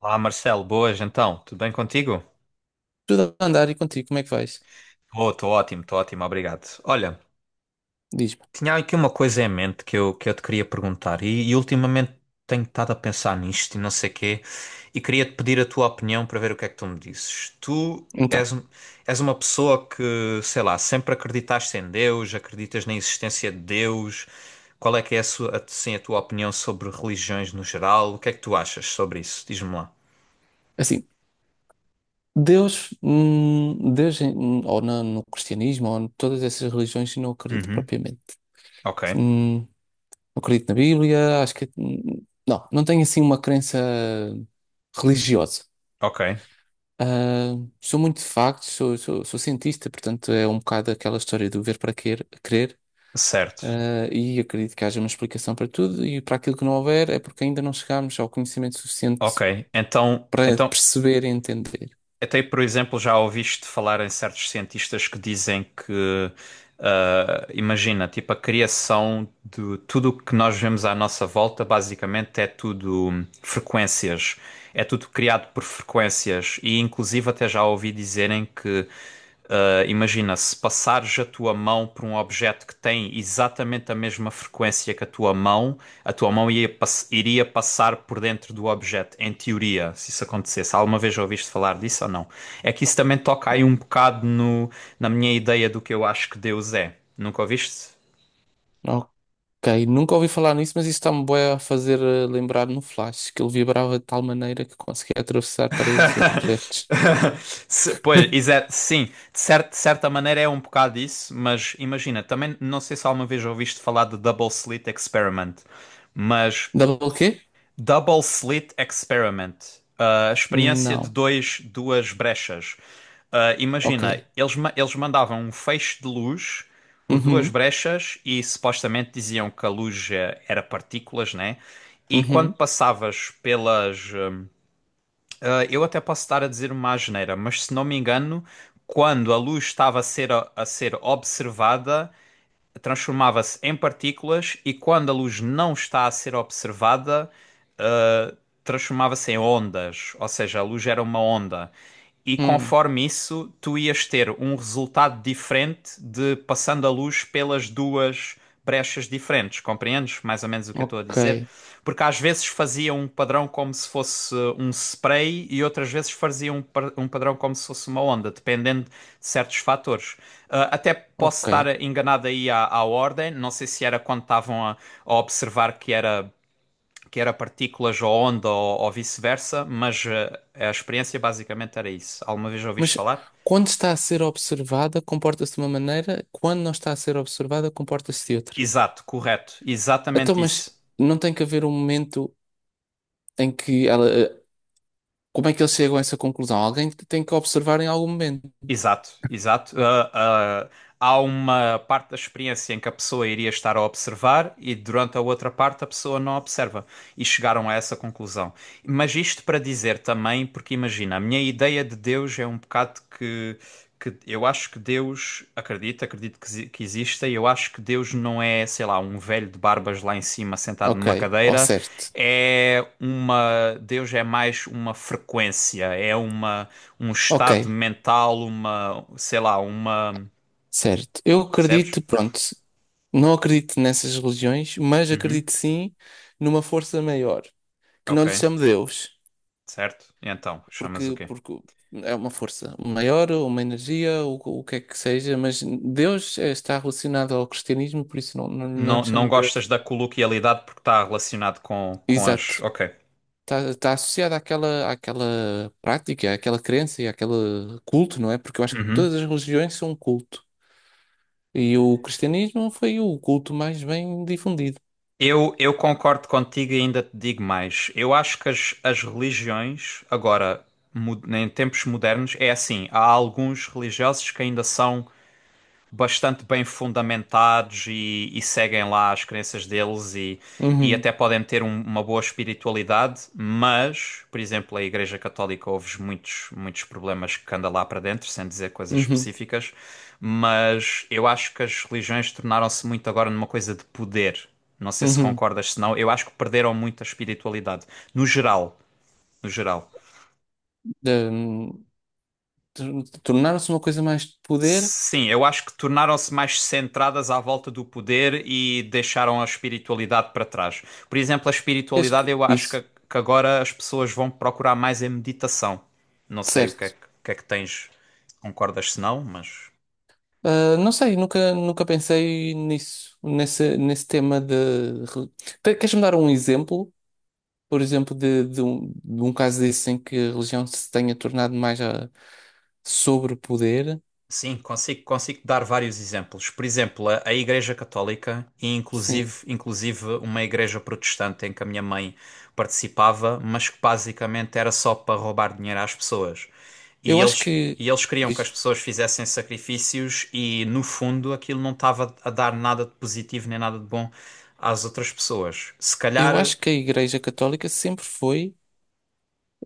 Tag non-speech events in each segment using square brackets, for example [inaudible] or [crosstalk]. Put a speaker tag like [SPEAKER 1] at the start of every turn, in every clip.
[SPEAKER 1] Olá, Marcelo, boas então, tudo bem contigo?
[SPEAKER 2] Tudo a andar e contigo, como é que vais?
[SPEAKER 1] Oh, estou ótimo, obrigado. Olha,
[SPEAKER 2] Diz-me.
[SPEAKER 1] tinha aqui uma coisa em mente que eu te queria perguntar e ultimamente tenho estado a pensar nisto e não sei quê e queria-te pedir a tua opinião para ver o que é que tu me dizes. Tu és,
[SPEAKER 2] Então,
[SPEAKER 1] um- és uma pessoa que, sei lá, sempre acreditaste em Deus, acreditas na existência de Deus. Qual é que é a tua opinião sobre religiões no geral? O que é que tu achas sobre isso? Diz-me lá.
[SPEAKER 2] assim, Deus, Deus, no cristianismo, ou em todas essas religiões, eu não acredito
[SPEAKER 1] Uhum.
[SPEAKER 2] propriamente.
[SPEAKER 1] Ok,
[SPEAKER 2] Não acredito na Bíblia, acho que. Não, não tenho assim uma crença religiosa.
[SPEAKER 1] ok,
[SPEAKER 2] Ah, sou muito de factos, sou cientista, portanto é um bocado aquela história do crer,
[SPEAKER 1] certo.
[SPEAKER 2] e acredito que haja uma explicação para tudo, e para aquilo que não houver é porque ainda não chegámos ao conhecimento suficiente
[SPEAKER 1] Ok, então,
[SPEAKER 2] para
[SPEAKER 1] então
[SPEAKER 2] perceber e entender.
[SPEAKER 1] até por exemplo já ouviste falar em certos cientistas que dizem que imagina, tipo a criação de tudo o que nós vemos à nossa volta basicamente é tudo frequências, é tudo criado por frequências e inclusive até já ouvi dizerem que imagina, se passares a tua mão por um objeto que tem exatamente a mesma frequência que a tua mão iria passar por dentro do objeto, em teoria, se isso acontecesse. Alguma vez já ouviste falar disso ou não? É que isso também toca aí um
[SPEAKER 2] Hum,
[SPEAKER 1] bocado no, na minha ideia do que eu acho que Deus é. Nunca ouviste?
[SPEAKER 2] Ok, nunca ouvi falar nisso, mas isso está-me bué a fazer lembrar no Flash, que ele vibrava de tal maneira que conseguia atravessar paredes e
[SPEAKER 1] [laughs]
[SPEAKER 2] objetos.
[SPEAKER 1] Pois,
[SPEAKER 2] [laughs]
[SPEAKER 1] sim, de de certa maneira é um bocado isso, mas imagina, também não sei se alguma vez ouviste falar de Double Slit Experiment, mas
[SPEAKER 2] Double quê?
[SPEAKER 1] Double Slit Experiment. A experiência de
[SPEAKER 2] Não.
[SPEAKER 1] duas brechas. Ah,
[SPEAKER 2] Ok.
[SPEAKER 1] imagina, eles mandavam um feixe de luz por duas
[SPEAKER 2] Uhum,
[SPEAKER 1] brechas e supostamente diziam que a luz era partículas, né? E quando
[SPEAKER 2] uhum,
[SPEAKER 1] passavas pelas. Eu até posso estar a dizer uma asneira, mas se não me engano, quando a luz estava a ser observada, transformava-se em partículas e quando a luz não está a ser observada ah, transformava-se em ondas, ou seja, a luz era uma onda. E
[SPEAKER 2] hum,
[SPEAKER 1] conforme isso, tu ias ter um resultado diferente de passando a luz pelas duas brechas diferentes. Compreendes mais ou menos o que eu estou a
[SPEAKER 2] ok,
[SPEAKER 1] dizer? Porque às vezes fazia um padrão como se fosse um spray e outras vezes fazia um padrão como se fosse uma onda, dependendo de certos fatores. Ah, até posso
[SPEAKER 2] ok.
[SPEAKER 1] estar enganado aí à ordem, não sei se era quando estavam a observar que era partículas ou onda ou vice-versa, mas a experiência basicamente era isso. Alguma vez ouviste
[SPEAKER 2] Mas
[SPEAKER 1] falar?
[SPEAKER 2] quando está a ser observada, comporta-se de uma maneira, quando não está a ser observada, comporta-se de outra.
[SPEAKER 1] Exato, correto,
[SPEAKER 2] Então,
[SPEAKER 1] exatamente
[SPEAKER 2] mas
[SPEAKER 1] isso.
[SPEAKER 2] não tem que haver um momento em Como é que eles chegam a essa conclusão? Alguém tem que observar em algum momento.
[SPEAKER 1] Exato, exato. Há uma parte da experiência em que a pessoa iria estar a observar e durante a outra parte a pessoa não observa. E chegaram a essa conclusão. Mas isto para dizer também, porque imagina, a minha ideia de Deus é um bocado que eu acho que Deus, acredito que exista, e eu acho que Deus não é, sei lá, um velho de barbas lá em cima sentado
[SPEAKER 2] Ok,
[SPEAKER 1] numa
[SPEAKER 2] ou
[SPEAKER 1] cadeira.
[SPEAKER 2] certo.
[SPEAKER 1] É uma. Deus é mais uma frequência, é uma um
[SPEAKER 2] Ok,
[SPEAKER 1] estado mental, uma, sei lá, uma,
[SPEAKER 2] certo. Eu
[SPEAKER 1] percebes?
[SPEAKER 2] acredito, pronto, não acredito nessas religiões, mas
[SPEAKER 1] Uhum.
[SPEAKER 2] acredito sim numa força maior, que não
[SPEAKER 1] Ok,
[SPEAKER 2] lhe chamo Deus,
[SPEAKER 1] certo. E então, chamas o quê?
[SPEAKER 2] porque é uma força maior, ou uma energia, ou o que é que seja, mas Deus está relacionado ao cristianismo, por isso não
[SPEAKER 1] Não,
[SPEAKER 2] lhe
[SPEAKER 1] não
[SPEAKER 2] chamo Deus.
[SPEAKER 1] gostas da coloquialidade porque está relacionado com as.
[SPEAKER 2] Exato.
[SPEAKER 1] Ok.
[SPEAKER 2] Está associado àquela, àquela prática, àquela crença e àquele culto, não é? Porque eu acho que
[SPEAKER 1] Uhum.
[SPEAKER 2] todas as religiões são um culto. E o cristianismo foi o culto mais bem difundido.
[SPEAKER 1] Eu concordo contigo e ainda te digo mais. Eu acho que as religiões, agora, em tempos modernos, é assim: há alguns religiosos que ainda são bastante bem fundamentados e seguem lá as crenças deles e
[SPEAKER 2] Uhum,
[SPEAKER 1] até podem ter uma boa espiritualidade, mas, por exemplo, a Igreja Católica houve muitos, muitos problemas que anda lá para dentro, sem dizer coisas
[SPEAKER 2] uhum,
[SPEAKER 1] específicas, mas eu acho que as religiões tornaram-se muito agora numa coisa de poder. Não sei se
[SPEAKER 2] uhum.
[SPEAKER 1] concordas, senão eu acho que perderam muito a espiritualidade, no geral, no geral.
[SPEAKER 2] De- de Tornar-se uma coisa mais de poder,
[SPEAKER 1] Sim, eu acho que tornaram-se mais centradas à volta do poder e deixaram a espiritualidade para trás. Por exemplo, a
[SPEAKER 2] que acho
[SPEAKER 1] espiritualidade,
[SPEAKER 2] que
[SPEAKER 1] eu acho
[SPEAKER 2] isso,
[SPEAKER 1] que agora as pessoas vão procurar mais em meditação. Não sei
[SPEAKER 2] certo.
[SPEAKER 1] o que é que tens, concordas se não, mas.
[SPEAKER 2] Ah, não sei, nunca pensei nisso, nesse tema de. re- Queres-me dar um exemplo, por exemplo, de um caso desse em que a religião se tenha tornado sobre o poder?
[SPEAKER 1] Sim, consigo dar vários exemplos. Por exemplo, a Igreja Católica e
[SPEAKER 2] Sim.
[SPEAKER 1] inclusive uma igreja protestante em que a minha mãe participava, mas que basicamente era só para roubar dinheiro às pessoas. E
[SPEAKER 2] Eu acho
[SPEAKER 1] eles,
[SPEAKER 2] que.
[SPEAKER 1] e eles queriam que as pessoas fizessem sacrifícios e, no fundo, aquilo não estava a dar nada de positivo nem nada de bom às outras pessoas. Se
[SPEAKER 2] Eu
[SPEAKER 1] calhar
[SPEAKER 2] acho que a Igreja Católica sempre foi.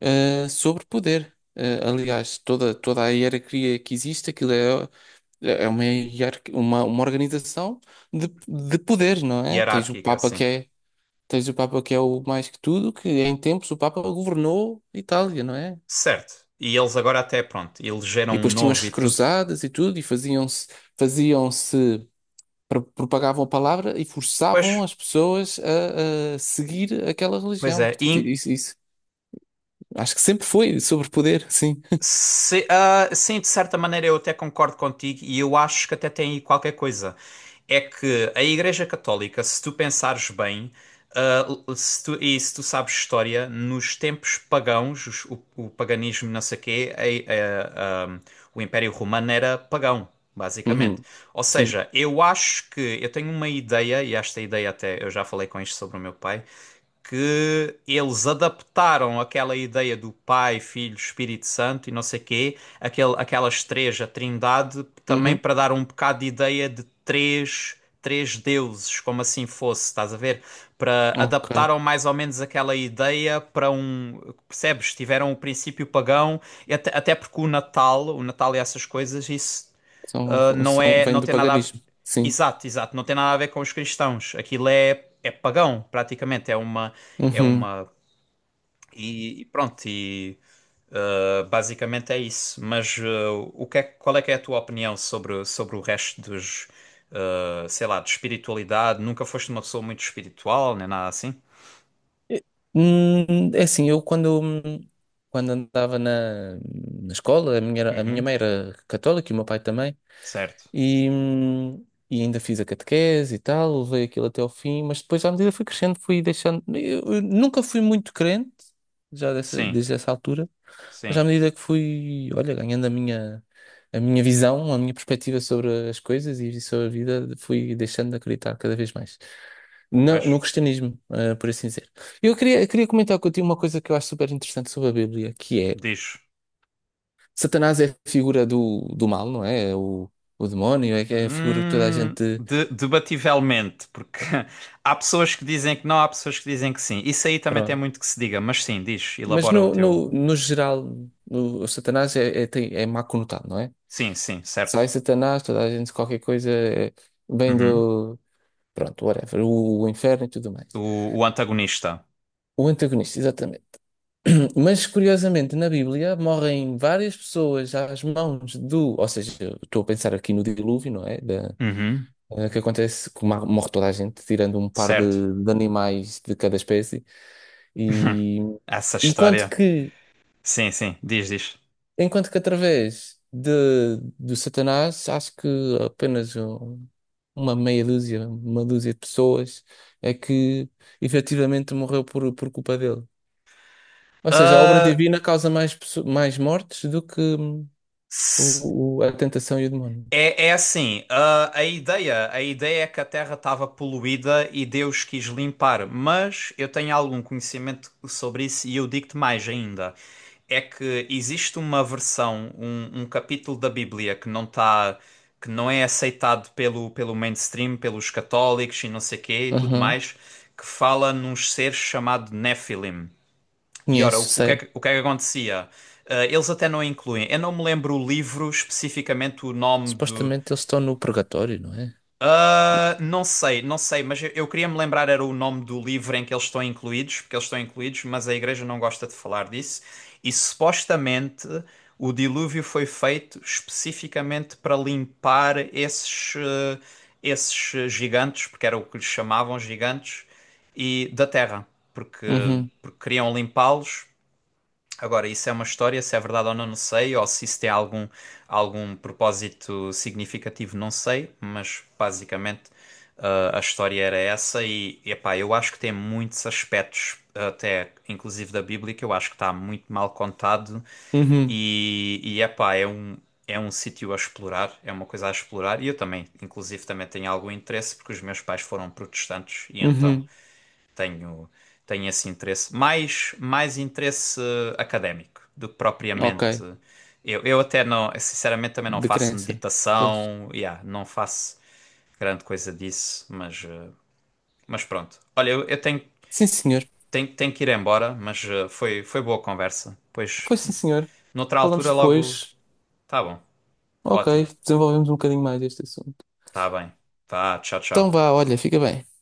[SPEAKER 2] eh, sobre poder. Aliás, toda a hierarquia que existe, aquilo é uma organização de poder, não é?
[SPEAKER 1] hierárquica, sim.
[SPEAKER 2] Tens o Papa que é o mais que tudo, que em tempos o Papa governou Itália, não é?
[SPEAKER 1] Certo. E eles agora até, pronto, elegeram
[SPEAKER 2] E
[SPEAKER 1] um
[SPEAKER 2] depois tinham
[SPEAKER 1] novo
[SPEAKER 2] as
[SPEAKER 1] e tudo.
[SPEAKER 2] cruzadas e tudo, e faziam-se, propagavam a palavra e
[SPEAKER 1] Pois,
[SPEAKER 2] forçavam as pessoas a seguir aquela
[SPEAKER 1] pois
[SPEAKER 2] religião.
[SPEAKER 1] é.
[SPEAKER 2] Portanto,
[SPEAKER 1] E,
[SPEAKER 2] isso acho que sempre foi sobre poder, sim.
[SPEAKER 1] Se- ah, sim, de certa maneira eu até concordo contigo e eu acho que até tem aí qualquer coisa. É que a Igreja Católica, se tu pensares bem, ah, se tu- e se tu sabes história, nos tempos pagãos, o paganismo, não sei o quê, o Império Romano era pagão, basicamente.
[SPEAKER 2] Uhum.
[SPEAKER 1] Ou
[SPEAKER 2] Sim.
[SPEAKER 1] seja, eu acho que eu tenho uma ideia, e esta ideia até eu já falei com isto sobre o meu pai, que eles adaptaram aquela ideia do Pai, Filho, Espírito Santo e não sei quê, aquelas três, a Trindade, também
[SPEAKER 2] Uhum.
[SPEAKER 1] para dar um bocado de ideia de três, três deuses, como assim fosse, estás a ver? Para
[SPEAKER 2] Ok.
[SPEAKER 1] adaptaram mais ou menos aquela ideia para um, percebes? Tiveram o princípio pagão, e até porque o Natal e essas coisas, isso
[SPEAKER 2] São,
[SPEAKER 1] Não
[SPEAKER 2] são,
[SPEAKER 1] é,
[SPEAKER 2] vem
[SPEAKER 1] não
[SPEAKER 2] do
[SPEAKER 1] tem nada a ver...
[SPEAKER 2] paganismo. Sim.
[SPEAKER 1] Exato, exato, não tem nada a ver com os cristãos. Aquilo é pagão, praticamente, é uma é
[SPEAKER 2] Uhum.
[SPEAKER 1] uma e pronto, e basicamente é isso. Mas qual é que é a tua opinião sobre o resto dos sei lá, de espiritualidade? Nunca foste uma pessoa muito espiritual, nem nada assim?
[SPEAKER 2] É assim, quando andava na escola, a minha
[SPEAKER 1] Uhum,
[SPEAKER 2] mãe era católica e o meu pai também,
[SPEAKER 1] certo.
[SPEAKER 2] e, hum, e ainda fiz a catequese e tal, levei aquilo até ao fim, mas depois à medida que fui crescendo, fui deixando. Eu nunca fui muito crente,
[SPEAKER 1] Sim,
[SPEAKER 2] desde essa altura. Mas à
[SPEAKER 1] sim.
[SPEAKER 2] medida que fui, olha, ganhando a minha visão, a minha perspectiva sobre as coisas e sobre a vida, fui deixando de acreditar cada vez mais
[SPEAKER 1] Pois,
[SPEAKER 2] no cristianismo, por assim dizer. Eu queria comentar contigo uma coisa que eu acho super interessante sobre a Bíblia, que é
[SPEAKER 1] diz.
[SPEAKER 2] Satanás é a figura do mal, não é? É o demónio, é que é a figura que toda a gente.
[SPEAKER 1] Debativelmente, porque [laughs] há pessoas que dizem que não, há pessoas que dizem que sim. Isso aí também tem
[SPEAKER 2] Pronto.
[SPEAKER 1] muito que se diga, mas sim, diz,
[SPEAKER 2] Mas
[SPEAKER 1] elabora o teu.
[SPEAKER 2] no geral, o Satanás é má conotado, não é?
[SPEAKER 1] Sim, sim,
[SPEAKER 2] Sai
[SPEAKER 1] certo.
[SPEAKER 2] Satanás, toda a gente, qualquer coisa, é, vem
[SPEAKER 1] Uhum.
[SPEAKER 2] do. Pronto, whatever. O inferno e tudo mais.
[SPEAKER 1] O antagonista.
[SPEAKER 2] O antagonista, exatamente. [clears throat] Mas curiosamente, na Bíblia morrem várias pessoas às mãos do. Ou seja, eu estou a pensar aqui no dilúvio, não é?
[SPEAKER 1] Uhum.
[SPEAKER 2] Que acontece que morre toda a gente, tirando um par
[SPEAKER 1] Certo.
[SPEAKER 2] de animais de cada espécie.
[SPEAKER 1] [laughs]
[SPEAKER 2] E
[SPEAKER 1] Essa
[SPEAKER 2] enquanto
[SPEAKER 1] história.
[SPEAKER 2] que,
[SPEAKER 1] Sim, sim, diz, diz.
[SPEAKER 2] enquanto que através do Satanás, acho que apenas uma meia dúzia, uma dúzia de pessoas é que efetivamente morreu por culpa dele. Ou seja, a obra
[SPEAKER 1] Ah,
[SPEAKER 2] divina causa mais mortes do que
[SPEAKER 1] se-
[SPEAKER 2] o- a tentação e o demónio.
[SPEAKER 1] é assim, a ideia é que a Terra estava poluída e Deus quis limpar, mas eu tenho algum conhecimento sobre isso e eu digo-te mais ainda. É que existe uma versão, um capítulo da Bíblia que não está, que não é aceitado pelo mainstream, pelos católicos e não sei quê e tudo
[SPEAKER 2] Uhum.
[SPEAKER 1] mais, que fala num ser chamado Nephilim. E ora,
[SPEAKER 2] Conheço, sei.
[SPEAKER 1] o que é que acontecia? Ah, eles até não incluem. Eu não me lembro o livro, especificamente o nome de,
[SPEAKER 2] Supostamente eles estão no purgatório, não é?
[SPEAKER 1] não sei, não sei, mas eu queria me lembrar era o nome do livro em que eles estão incluídos, porque eles estão incluídos, mas a igreja não gosta de falar disso. E supostamente o dilúvio foi feito especificamente para limpar esses gigantes, porque era o que lhes chamavam gigantes, e da terra, porque,
[SPEAKER 2] Uhum.
[SPEAKER 1] queriam limpá-los. Agora, isso é uma história, se é verdade ou não, não sei, ou se isso tem algum propósito significativo, não sei, mas basicamente a história era essa e, epá, eu acho que tem muitos aspectos, até inclusive da Bíblia, que eu acho que está muito mal contado
[SPEAKER 2] Uhum.
[SPEAKER 1] e epá, é um sítio a explorar, é uma coisa a explorar e eu também, inclusive, também tenho algum interesse porque os meus pais foram protestantes e então
[SPEAKER 2] Uhum.
[SPEAKER 1] tenho, tenho esse interesse, mais, mais interesse académico do que
[SPEAKER 2] Ok.
[SPEAKER 1] propriamente. Eu até não, sinceramente, também não
[SPEAKER 2] De
[SPEAKER 1] faço
[SPEAKER 2] crença. Pois.
[SPEAKER 1] meditação, yeah, não faço grande coisa disso, mas pronto. Olha, eu tenho,
[SPEAKER 2] Sim, senhor.
[SPEAKER 1] tenho, tenho que ir embora, mas foi boa conversa. Pois,
[SPEAKER 2] Pois sim, senhor.
[SPEAKER 1] noutra
[SPEAKER 2] Falamos
[SPEAKER 1] altura, logo.
[SPEAKER 2] depois.
[SPEAKER 1] Tá bom,
[SPEAKER 2] Ok.
[SPEAKER 1] ótimo,
[SPEAKER 2] Desenvolvemos um bocadinho mais este assunto.
[SPEAKER 1] tá bem. Tá, tchau,
[SPEAKER 2] Então
[SPEAKER 1] tchau.
[SPEAKER 2] vá, olha, fica bem.